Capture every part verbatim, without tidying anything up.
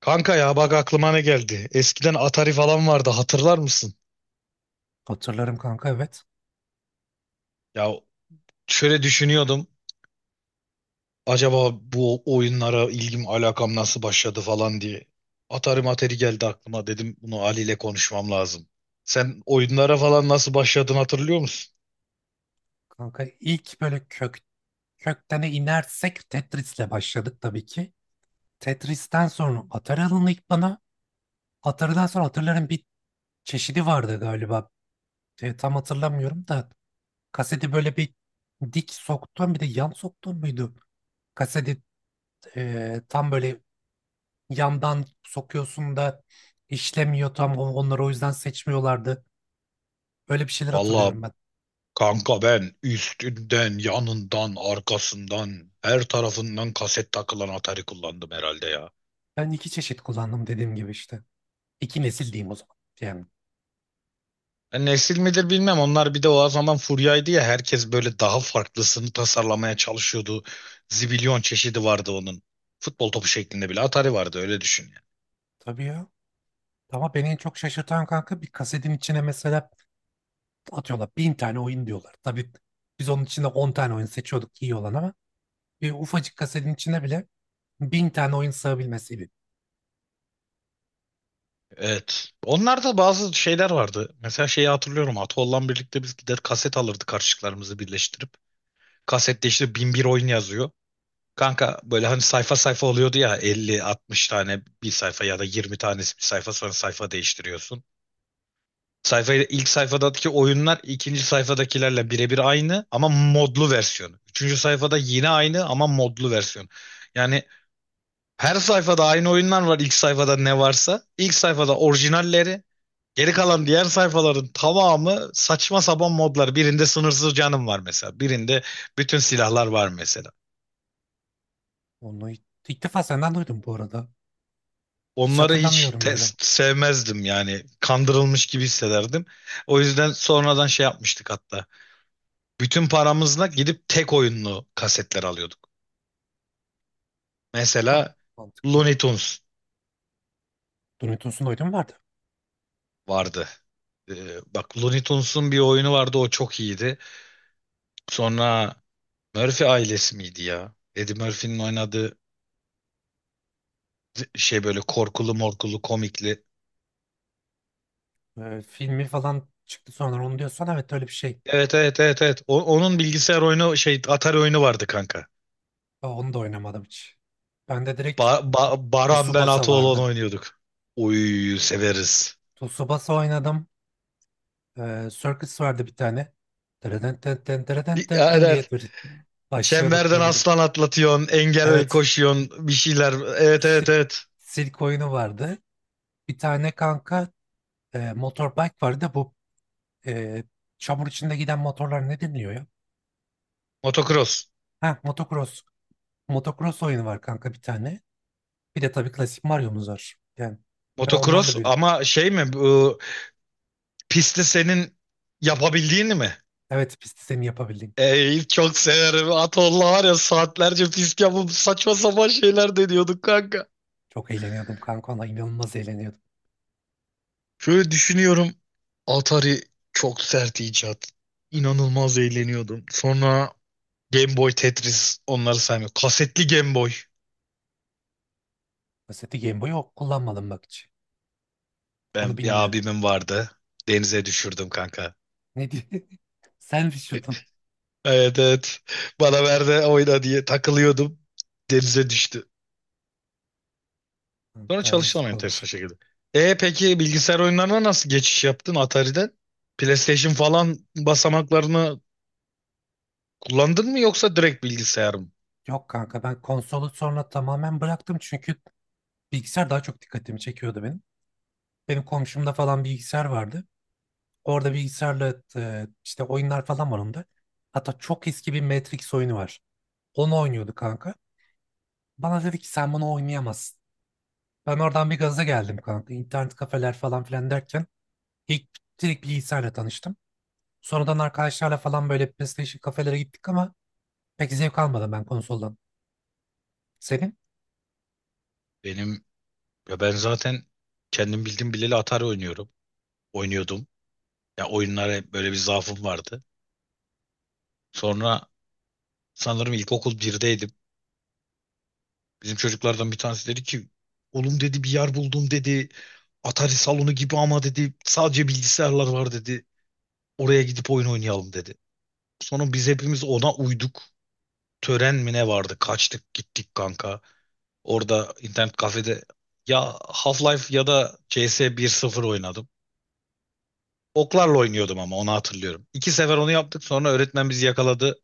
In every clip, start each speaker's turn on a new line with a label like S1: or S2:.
S1: Kanka ya bak aklıma ne geldi. Eskiden Atari falan vardı hatırlar mısın?
S2: Hatırlarım kanka, evet.
S1: Ya şöyle düşünüyordum. Acaba bu oyunlara ilgim alakam nasıl başladı falan diye. Atari materi geldi aklıma dedim bunu Ali ile konuşmam lazım. Sen oyunlara falan nasıl başladın hatırlıyor musun?
S2: Kanka ilk böyle kök köktene inersek Tetris'le başladık tabii ki. Tetris'ten sonra Atari alındı ilk bana. Atari'den sonra Atari'lerin bir çeşidi vardı galiba. E, tam hatırlamıyorum da kaseti böyle bir dik soktun, bir de yan soktun muydu? Kaseti e, tam böyle yandan sokuyorsun da işlemiyor tam. O- onları o yüzden seçmiyorlardı. Öyle bir şeyler
S1: Valla
S2: hatırlıyorum ben.
S1: kanka ben üstünden, yanından, arkasından, her tarafından kaset takılan Atari kullandım herhalde ya.
S2: Ben iki çeşit kullandım dediğim gibi işte. İki nesil diyeyim o zaman. Yani.
S1: E, Nesil midir bilmem. Onlar bir de o zaman furyaydı ya. Herkes böyle daha farklısını tasarlamaya çalışıyordu. Zibilyon çeşidi vardı onun. Futbol topu şeklinde bile Atari vardı öyle düşün yani.
S2: Tabii ya. Ama beni en çok şaşırtan kanka, bir kasetin içine mesela atıyorlar bin tane oyun diyorlar. Tabii biz onun içinde on tane oyun seçiyorduk, iyi olan ama bir ufacık kasetin içine bile bin tane oyun sığabilmesiydi.
S1: Evet. Onlarda bazı şeyler vardı. Mesela şeyi hatırlıyorum. Atollan birlikte biz gider kaset alırdık karşılıklarımızı birleştirip. Kasette işte bin bir oyun yazıyor. Kanka böyle hani sayfa sayfa oluyordu ya elli, altmış tane bir sayfa ya da yirmi tanesi bir sayfa sonra sayfa değiştiriyorsun. Sayfayı ilk sayfadaki oyunlar ikinci sayfadakilerle birebir aynı ama modlu versiyonu. Üçüncü sayfada yine aynı ama modlu versiyon. Yani her sayfada aynı oyunlar var ilk sayfada ne varsa. İlk sayfada orijinalleri, geri kalan diğer sayfaların tamamı saçma sapan modlar. Birinde sınırsız canım var mesela. Birinde bütün silahlar var mesela.
S2: Onu ilk, ilk defa senden duydum bu arada. Hiç
S1: Onları hiç
S2: hatırlamıyorum öyle.
S1: test sevmezdim yani. Kandırılmış gibi hissederdim. O yüzden sonradan şey yapmıştık hatta. Bütün paramızla gidip tek oyunlu kasetler alıyorduk.
S2: Bu da
S1: Mesela
S2: mantıklı.
S1: Looney Tunes
S2: Dunutus'un oyunu mu vardı?
S1: vardı. Ee, bak Looney Tunes'un bir oyunu vardı o çok iyiydi. Sonra Murphy ailesi miydi ya? Eddie Murphy'nin oynadığı şey böyle korkulu morkulu komikli.
S2: Ee, filmi falan çıktı sonra, onu diyorsan evet, öyle bir şey.
S1: Evet, evet, evet, evet. O- onun bilgisayar oyunu şey Atari oyunu vardı kanka.
S2: Aa, onu da oynamadım hiç. Ben de direkt
S1: Ba- Ba- Baran ben
S2: Tsubasa
S1: Ataoğlan
S2: vardı.
S1: oynuyorduk. Uy severiz.
S2: Tsubasa oynadım. Ee, Circus vardı bir tane. Dereden ten ten dereden
S1: Bir-
S2: ten ten
S1: Aynen.
S2: diye böyle başlıyorduk
S1: Çemberden
S2: böyledir.
S1: aslan atlatıyorsun, engel
S2: Evet.
S1: koşuyorsun, bir şeyler. Evet, evet,
S2: Sirk,
S1: evet.
S2: sirk oyunu vardı. Bir tane kanka e, motorbike vardı. Bu e, çamur içinde giden motorlar ne deniliyor ya?
S1: Motocross.
S2: Ha, motocross. Motocross oyunu var kanka bir tane. Bir de tabii klasik Mario'muz var. Yani ben onlarla
S1: Motocross
S2: büyüdüm.
S1: ama şey mi bu pisti senin yapabildiğini mi?
S2: Evet, pist sistemi yapabildim.
S1: Ey çok severim. Atolla var ya saatlerce pist yapıp saçma sapan şeyler deniyorduk kanka.
S2: Çok eğleniyordum kanka, ona inanılmaz eğleniyordum.
S1: Şöyle düşünüyorum. Atari çok sert icat. İnanılmaz eğleniyordum. Sonra Game Boy Tetris onları saymıyorum. Kasetli Game Boy.
S2: Mesela Game Boy'u kullanmadım bak hiç. Onu
S1: Ben bir
S2: bilmiyorum.
S1: abimin vardı. Denize düşürdüm kanka.
S2: Ne diye? Sen düşürdün.
S1: Evet, evet. Bana ver de oyna diye takılıyordum. Denize düştü. Sonra
S2: Kanka
S1: çalıştım
S2: yazık
S1: enteresan
S2: olmuş.
S1: şekilde. E peki bilgisayar oyunlarına nasıl geçiş yaptın Atari'den? PlayStation falan basamaklarını kullandın mı yoksa direkt bilgisayar mı?
S2: Yok kanka, ben konsolu sonra tamamen bıraktım çünkü bilgisayar daha çok dikkatimi çekiyordu benim. Benim komşumda falan bilgisayar vardı. Orada bilgisayarla e, işte oyunlar falan var onda. Hatta çok eski bir Matrix oyunu var. Onu oynuyordu kanka. Bana dedi ki sen bunu oynayamazsın. Ben oradan bir gaza geldim kanka. İnternet kafeler falan filan derken ilk direkt bilgisayarla tanıştım. Sonradan arkadaşlarla falan böyle PlayStation kafelere gittik ama pek zevk almadım ben konsoldan. Senin?
S1: Benim ya ben zaten kendim bildim bileli Atari oynuyorum. Oynuyordum. Ya oyunlara hep böyle bir zaafım vardı. Sonra sanırım ilkokul birdeydim. Bizim çocuklardan bir tanesi dedi ki oğlum dedi bir yer buldum dedi. Atari salonu gibi ama dedi sadece bilgisayarlar var dedi. Oraya gidip oyun oynayalım dedi. Sonra biz hepimiz ona uyduk. Tören mi ne vardı? Kaçtık gittik kanka. Orada internet kafede ya Half-Life ya da C S bir nokta sıfır oynadım. Oklarla oynuyordum ama onu hatırlıyorum. İki sefer onu yaptık sonra öğretmen bizi yakaladı.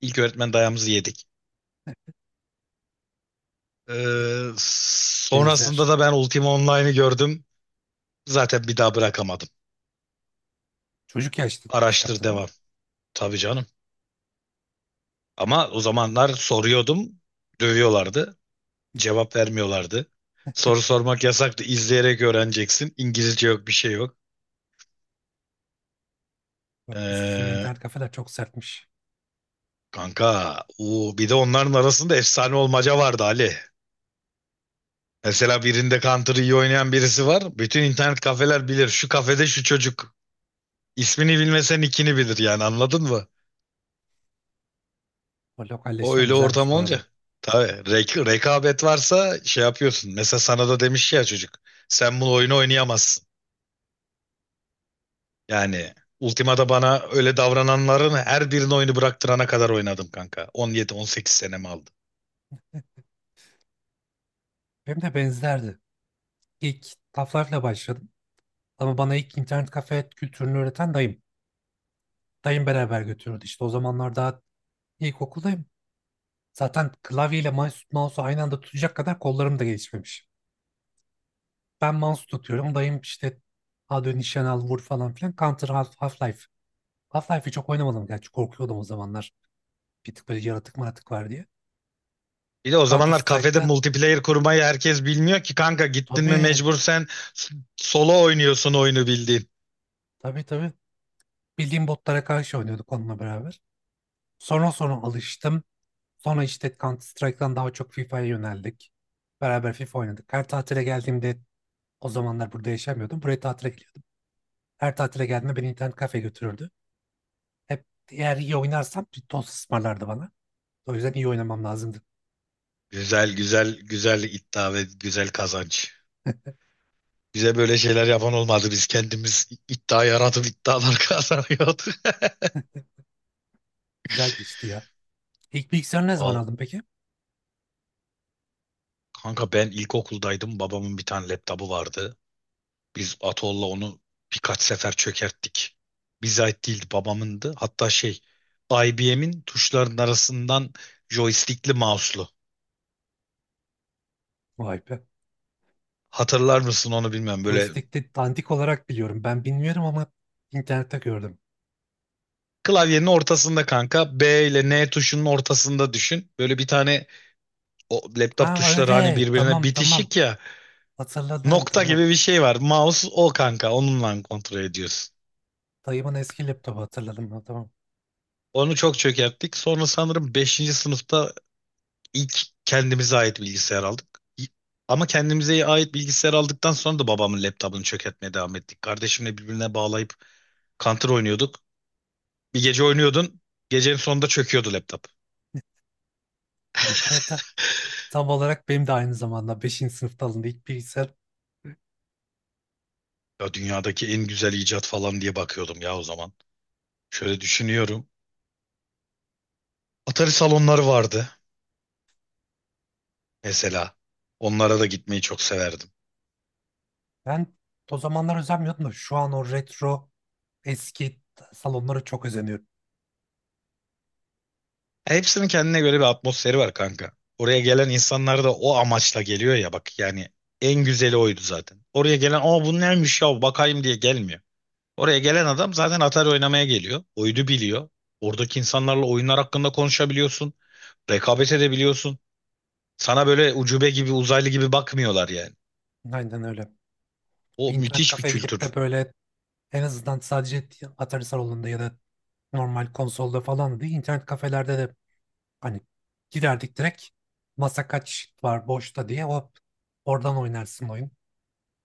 S1: İlk öğretmen dayamızı yedik. Ee, sonrasında
S2: Benzer.
S1: da ben Ultima Online'ı gördüm. Zaten bir daha bırakamadım.
S2: Çocuk yaşta şey
S1: Araştır
S2: yaptın ha?
S1: devam. Tabii canım. Ama o zamanlar soruyordum, dövüyorlardı. Cevap vermiyorlardı. Soru sormak yasaktı. İzleyerek öğreneceksin. İngilizce yok, bir şey yok.
S2: Yok, sizin
S1: Ee,
S2: internet kafeler çok sertmiş.
S1: kanka, uu, bir de onların arasında efsane olmaca vardı Ali. Mesela birinde Counter iyi oynayan birisi var. Bütün internet kafeler bilir. Şu kafede şu çocuk. İsmini bilmesen ikini bilir yani anladın mı?
S2: O
S1: O
S2: lokalleşme
S1: öyle
S2: güzelmiş
S1: ortam
S2: bu
S1: olunca.
S2: arada.
S1: Tabii rek rekabet varsa şey yapıyorsun. Mesela sana da demiş ya çocuk. Sen bu oyunu oynayamazsın. Yani Ultima'da bana öyle davrananların her birinin oyunu bıraktırana kadar oynadım kanka. on yedi on sekiz senemi aldı.
S2: Benim de benzerdi. İlk taflarla başladım. Ama bana ilk internet kafe kültürünü öğreten dayım. Dayım beraber götürüyordu. İşte o zamanlar daha ilkokuldayım. Zaten klavyeyle mouse- mouse'u aynı anda tutacak kadar kollarım da gelişmemiş. Ben mouse tutuyorum. Dayım işte hadi nişan al vur falan filan. Counter, Half- Half-Life. Half-Life'i çok oynamadım, gerçi korkuyordum o zamanlar. Bir tık böyle yaratık maratık var diye.
S1: Bir de o
S2: Counter
S1: zamanlar kafede
S2: Strike'da.
S1: multiplayer kurmayı herkes bilmiyor ki kanka gittin mi
S2: Tabii.
S1: mecbur sen s- solo oynuyorsun oyunu bildiğin.
S2: Tabii, tabii. Bildiğim botlara karşı oynuyorduk onunla beraber. Sonra sonra alıştım. Sonra işte Counter Strike'dan daha çok FIFA'ya yöneldik. Beraber FIFA oynadık. Her tatile geldiğimde o zamanlar burada yaşamıyordum. Buraya tatile geliyordum. Her tatile geldiğimde beni internet kafe götürürdü. Hep eğer iyi oynarsam bir tost ısmarlardı bana. O yüzden iyi oynamam lazımdı.
S1: Güzel, güzel, güzel iddia ve güzel kazanç. Bize böyle şeyler yapan olmadı. Biz kendimiz iddia yaratıp iddialar kazanıyorduk.
S2: Güzel geçti ya. İlk bilgisayarı ne zaman
S1: Val-
S2: aldın peki?
S1: Kanka ben ilkokuldaydım. Babamın bir tane laptopu vardı. Biz Atol'la onu birkaç sefer çökerttik. Bize ait değildi, babamındı. Hatta şey I B M'in tuşların arasından joystickli mouse'lu.
S2: Vay be.
S1: Hatırlar mısın onu bilmem. Böyle
S2: Joystick'te dandik olarak biliyorum. Ben bilmiyorum ama internette gördüm.
S1: klavyenin ortasında kanka B ile N tuşunun ortasında düşün. Böyle bir tane o laptop
S2: Ha
S1: tuşları hani
S2: öyle.
S1: birbirine
S2: Tamam, tamam.
S1: bitişik ya.
S2: Hatırladım,
S1: Nokta
S2: tamam.
S1: gibi bir şey var. Mouse o kanka onunla kontrol ediyorsun.
S2: Dayımın eski laptopu hatırladım ben, tamam.
S1: Onu çok çökerttik. Sonra sanırım beşinci sınıfta İlk kendimize ait bilgisayar aldık. İ- Ama kendimize ait bilgisayar aldıktan sonra da babamın laptopunu çökertmeye devam ettik. Kardeşimle birbirine bağlayıp Counter oynuyorduk. Bir gece oynuyordun, gecenin sonunda çöküyordu laptop.
S2: Bu arada tam olarak benim de aynı zamanda beşinci sınıfta alındı ilk bilgisayar.
S1: Ya dünyadaki en güzel icat falan diye bakıyordum ya o zaman. Şöyle düşünüyorum. Atari salonları vardı mesela. Onlara da gitmeyi çok severdim.
S2: Ben o zamanlar özenmiyordum da şu an o retro eski salonlara çok özeniyorum.
S1: Hepsinin kendine göre bir atmosferi var kanka. Oraya gelen insanlar da o amaçla geliyor ya bak yani en güzeli oydu zaten. Oraya gelen aa bu neymiş ya bakayım diye gelmiyor. Oraya gelen adam zaten Atari oynamaya geliyor. Oyunu biliyor. Oradaki insanlarla oyunlar hakkında konuşabiliyorsun. Rekabet edebiliyorsun. Sana böyle ucube gibi uzaylı gibi bakmıyorlar yani.
S2: Aynen öyle. Bir
S1: O
S2: internet
S1: müthiş bir
S2: kafeye gidip
S1: kültür.
S2: de böyle en azından sadece Atari salonunda ya da normal konsolda falan değil, internet kafelerde de hani giderdik direkt masa kaç var boşta diye hop oradan oynarsın oyun.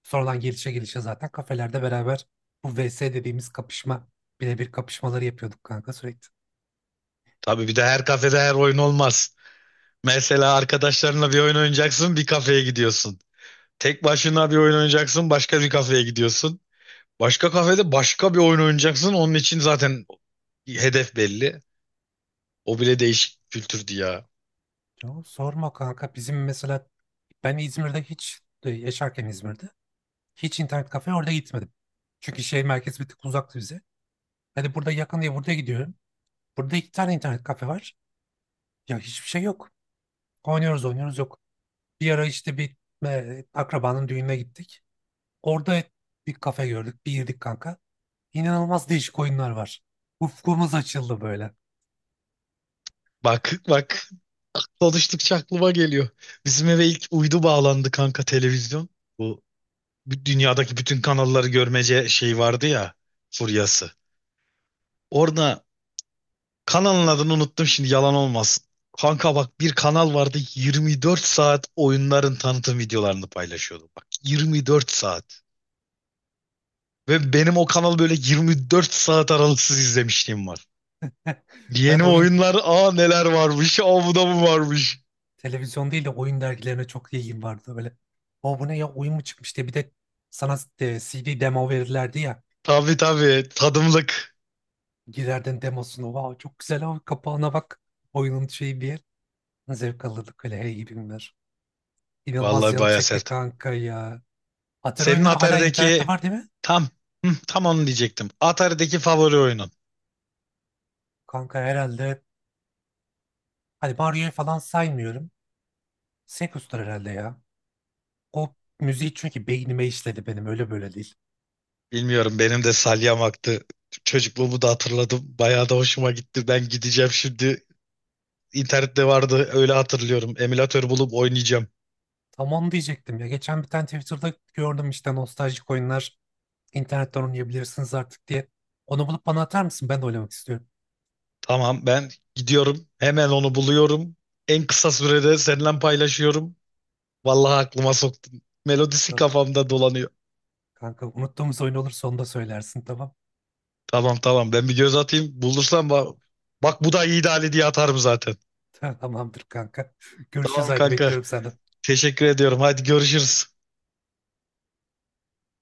S2: Sonradan gelişe gelişe zaten kafelerde beraber bu V S dediğimiz kapışma, birebir kapışmaları yapıyorduk kanka sürekli.
S1: Tabii bir de her kafede her oyun olmaz. Mesela arkadaşlarınla bir oyun oynayacaksın bir kafeye gidiyorsun. Tek başına bir oyun oynayacaksın başka bir kafeye gidiyorsun. Başka kafede başka bir oyun oynayacaksın. Onun için zaten hedef belli. O bile değişik bir kültürdü ya.
S2: Yo, sorma kanka, bizim mesela ben İzmir'de hiç e, yaşarken İzmir'de hiç internet kafeye orada gitmedim. Çünkü şehir merkezi bir tık uzaktı bize. Hani burada yakın diye burada gidiyorum. Burada iki tane internet kafe var. Ya hiçbir şey yok. Oynuyoruz oynuyoruz, yok. Bir ara işte bir e, akrabanın düğününe gittik. Orada bir kafe gördük. Bir girdik kanka. İnanılmaz değişik oyunlar var. Ufkumuz açıldı böyle.
S1: Bak, bak konuştukça aklıma geliyor. Bizim eve ilk uydu bağlandı kanka televizyon. Bu dünyadaki bütün kanalları görmece şey vardı ya furyası. Orada kanalın adını unuttum şimdi yalan olmasın. Kanka bak bir kanal vardı yirmi dört saat oyunların tanıtım videolarını paylaşıyordu. Bak yirmi dört saat. Ve benim o kanal böyle yirmi dört saat aralıksız izlemişliğim var.
S2: Ben
S1: Yeni
S2: oyun,
S1: oyunlar aa neler varmış. Aa bu da mı varmış.
S2: televizyon değil de oyun dergilerine çok ilgim vardı böyle. O bu ne ya, oyun mu çıkmış diye, bir de sana e, C D demo verirlerdi ya.
S1: Tabii, tabii tadımlık.
S2: Girerdin demosunu. Wow, çok güzel abi, kapağına bak. Oyunun şeyi bir yer. Zevk alırdık öyle, hey gibi günler. İnanılmaz
S1: Vallahi
S2: canı
S1: baya
S2: çekti
S1: sert.
S2: kanka ya. Atari
S1: Senin
S2: oyunları hala internette
S1: Atari'deki
S2: var değil mi?
S1: tam hı, tam onu diyecektim. Atari'deki favori oyunun.
S2: Kanka herhalde. Hani Mario'yu falan saymıyorum. Sekus'tur herhalde ya. O müziği çünkü beynime işledi benim, öyle böyle değil.
S1: Bilmiyorum benim de salyamaktı. Çocukluğumu da hatırladım. Bayağı da hoşuma gitti. Ben gideceğim şimdi. İnternette vardı öyle hatırlıyorum. Emülatör bulup oynayacağım.
S2: Tamam diyecektim ya. Geçen bir tane Twitter'da gördüm işte, nostaljik oyunlar internetten oynayabilirsiniz artık diye. Onu bulup bana atar mısın? Ben de oynamak istiyorum.
S1: Tamam ben gidiyorum. Hemen onu buluyorum. En kısa sürede seninle paylaşıyorum. Vallahi aklıma soktun. Melodisi
S2: Tamam
S1: kafamda dolanıyor.
S2: kanka, unuttuğumuz oyun olursa onu da söylersin, tamam.
S1: Tamam, tamam ben bir göz atayım. Bulursam bak, bak bu da iyi ideali diye atarım zaten.
S2: Tamamdır kanka. Görüşürüz,
S1: Tamam
S2: haydi
S1: kanka.
S2: bekliyorum senden.
S1: Teşekkür ediyorum. Hadi görüşürüz.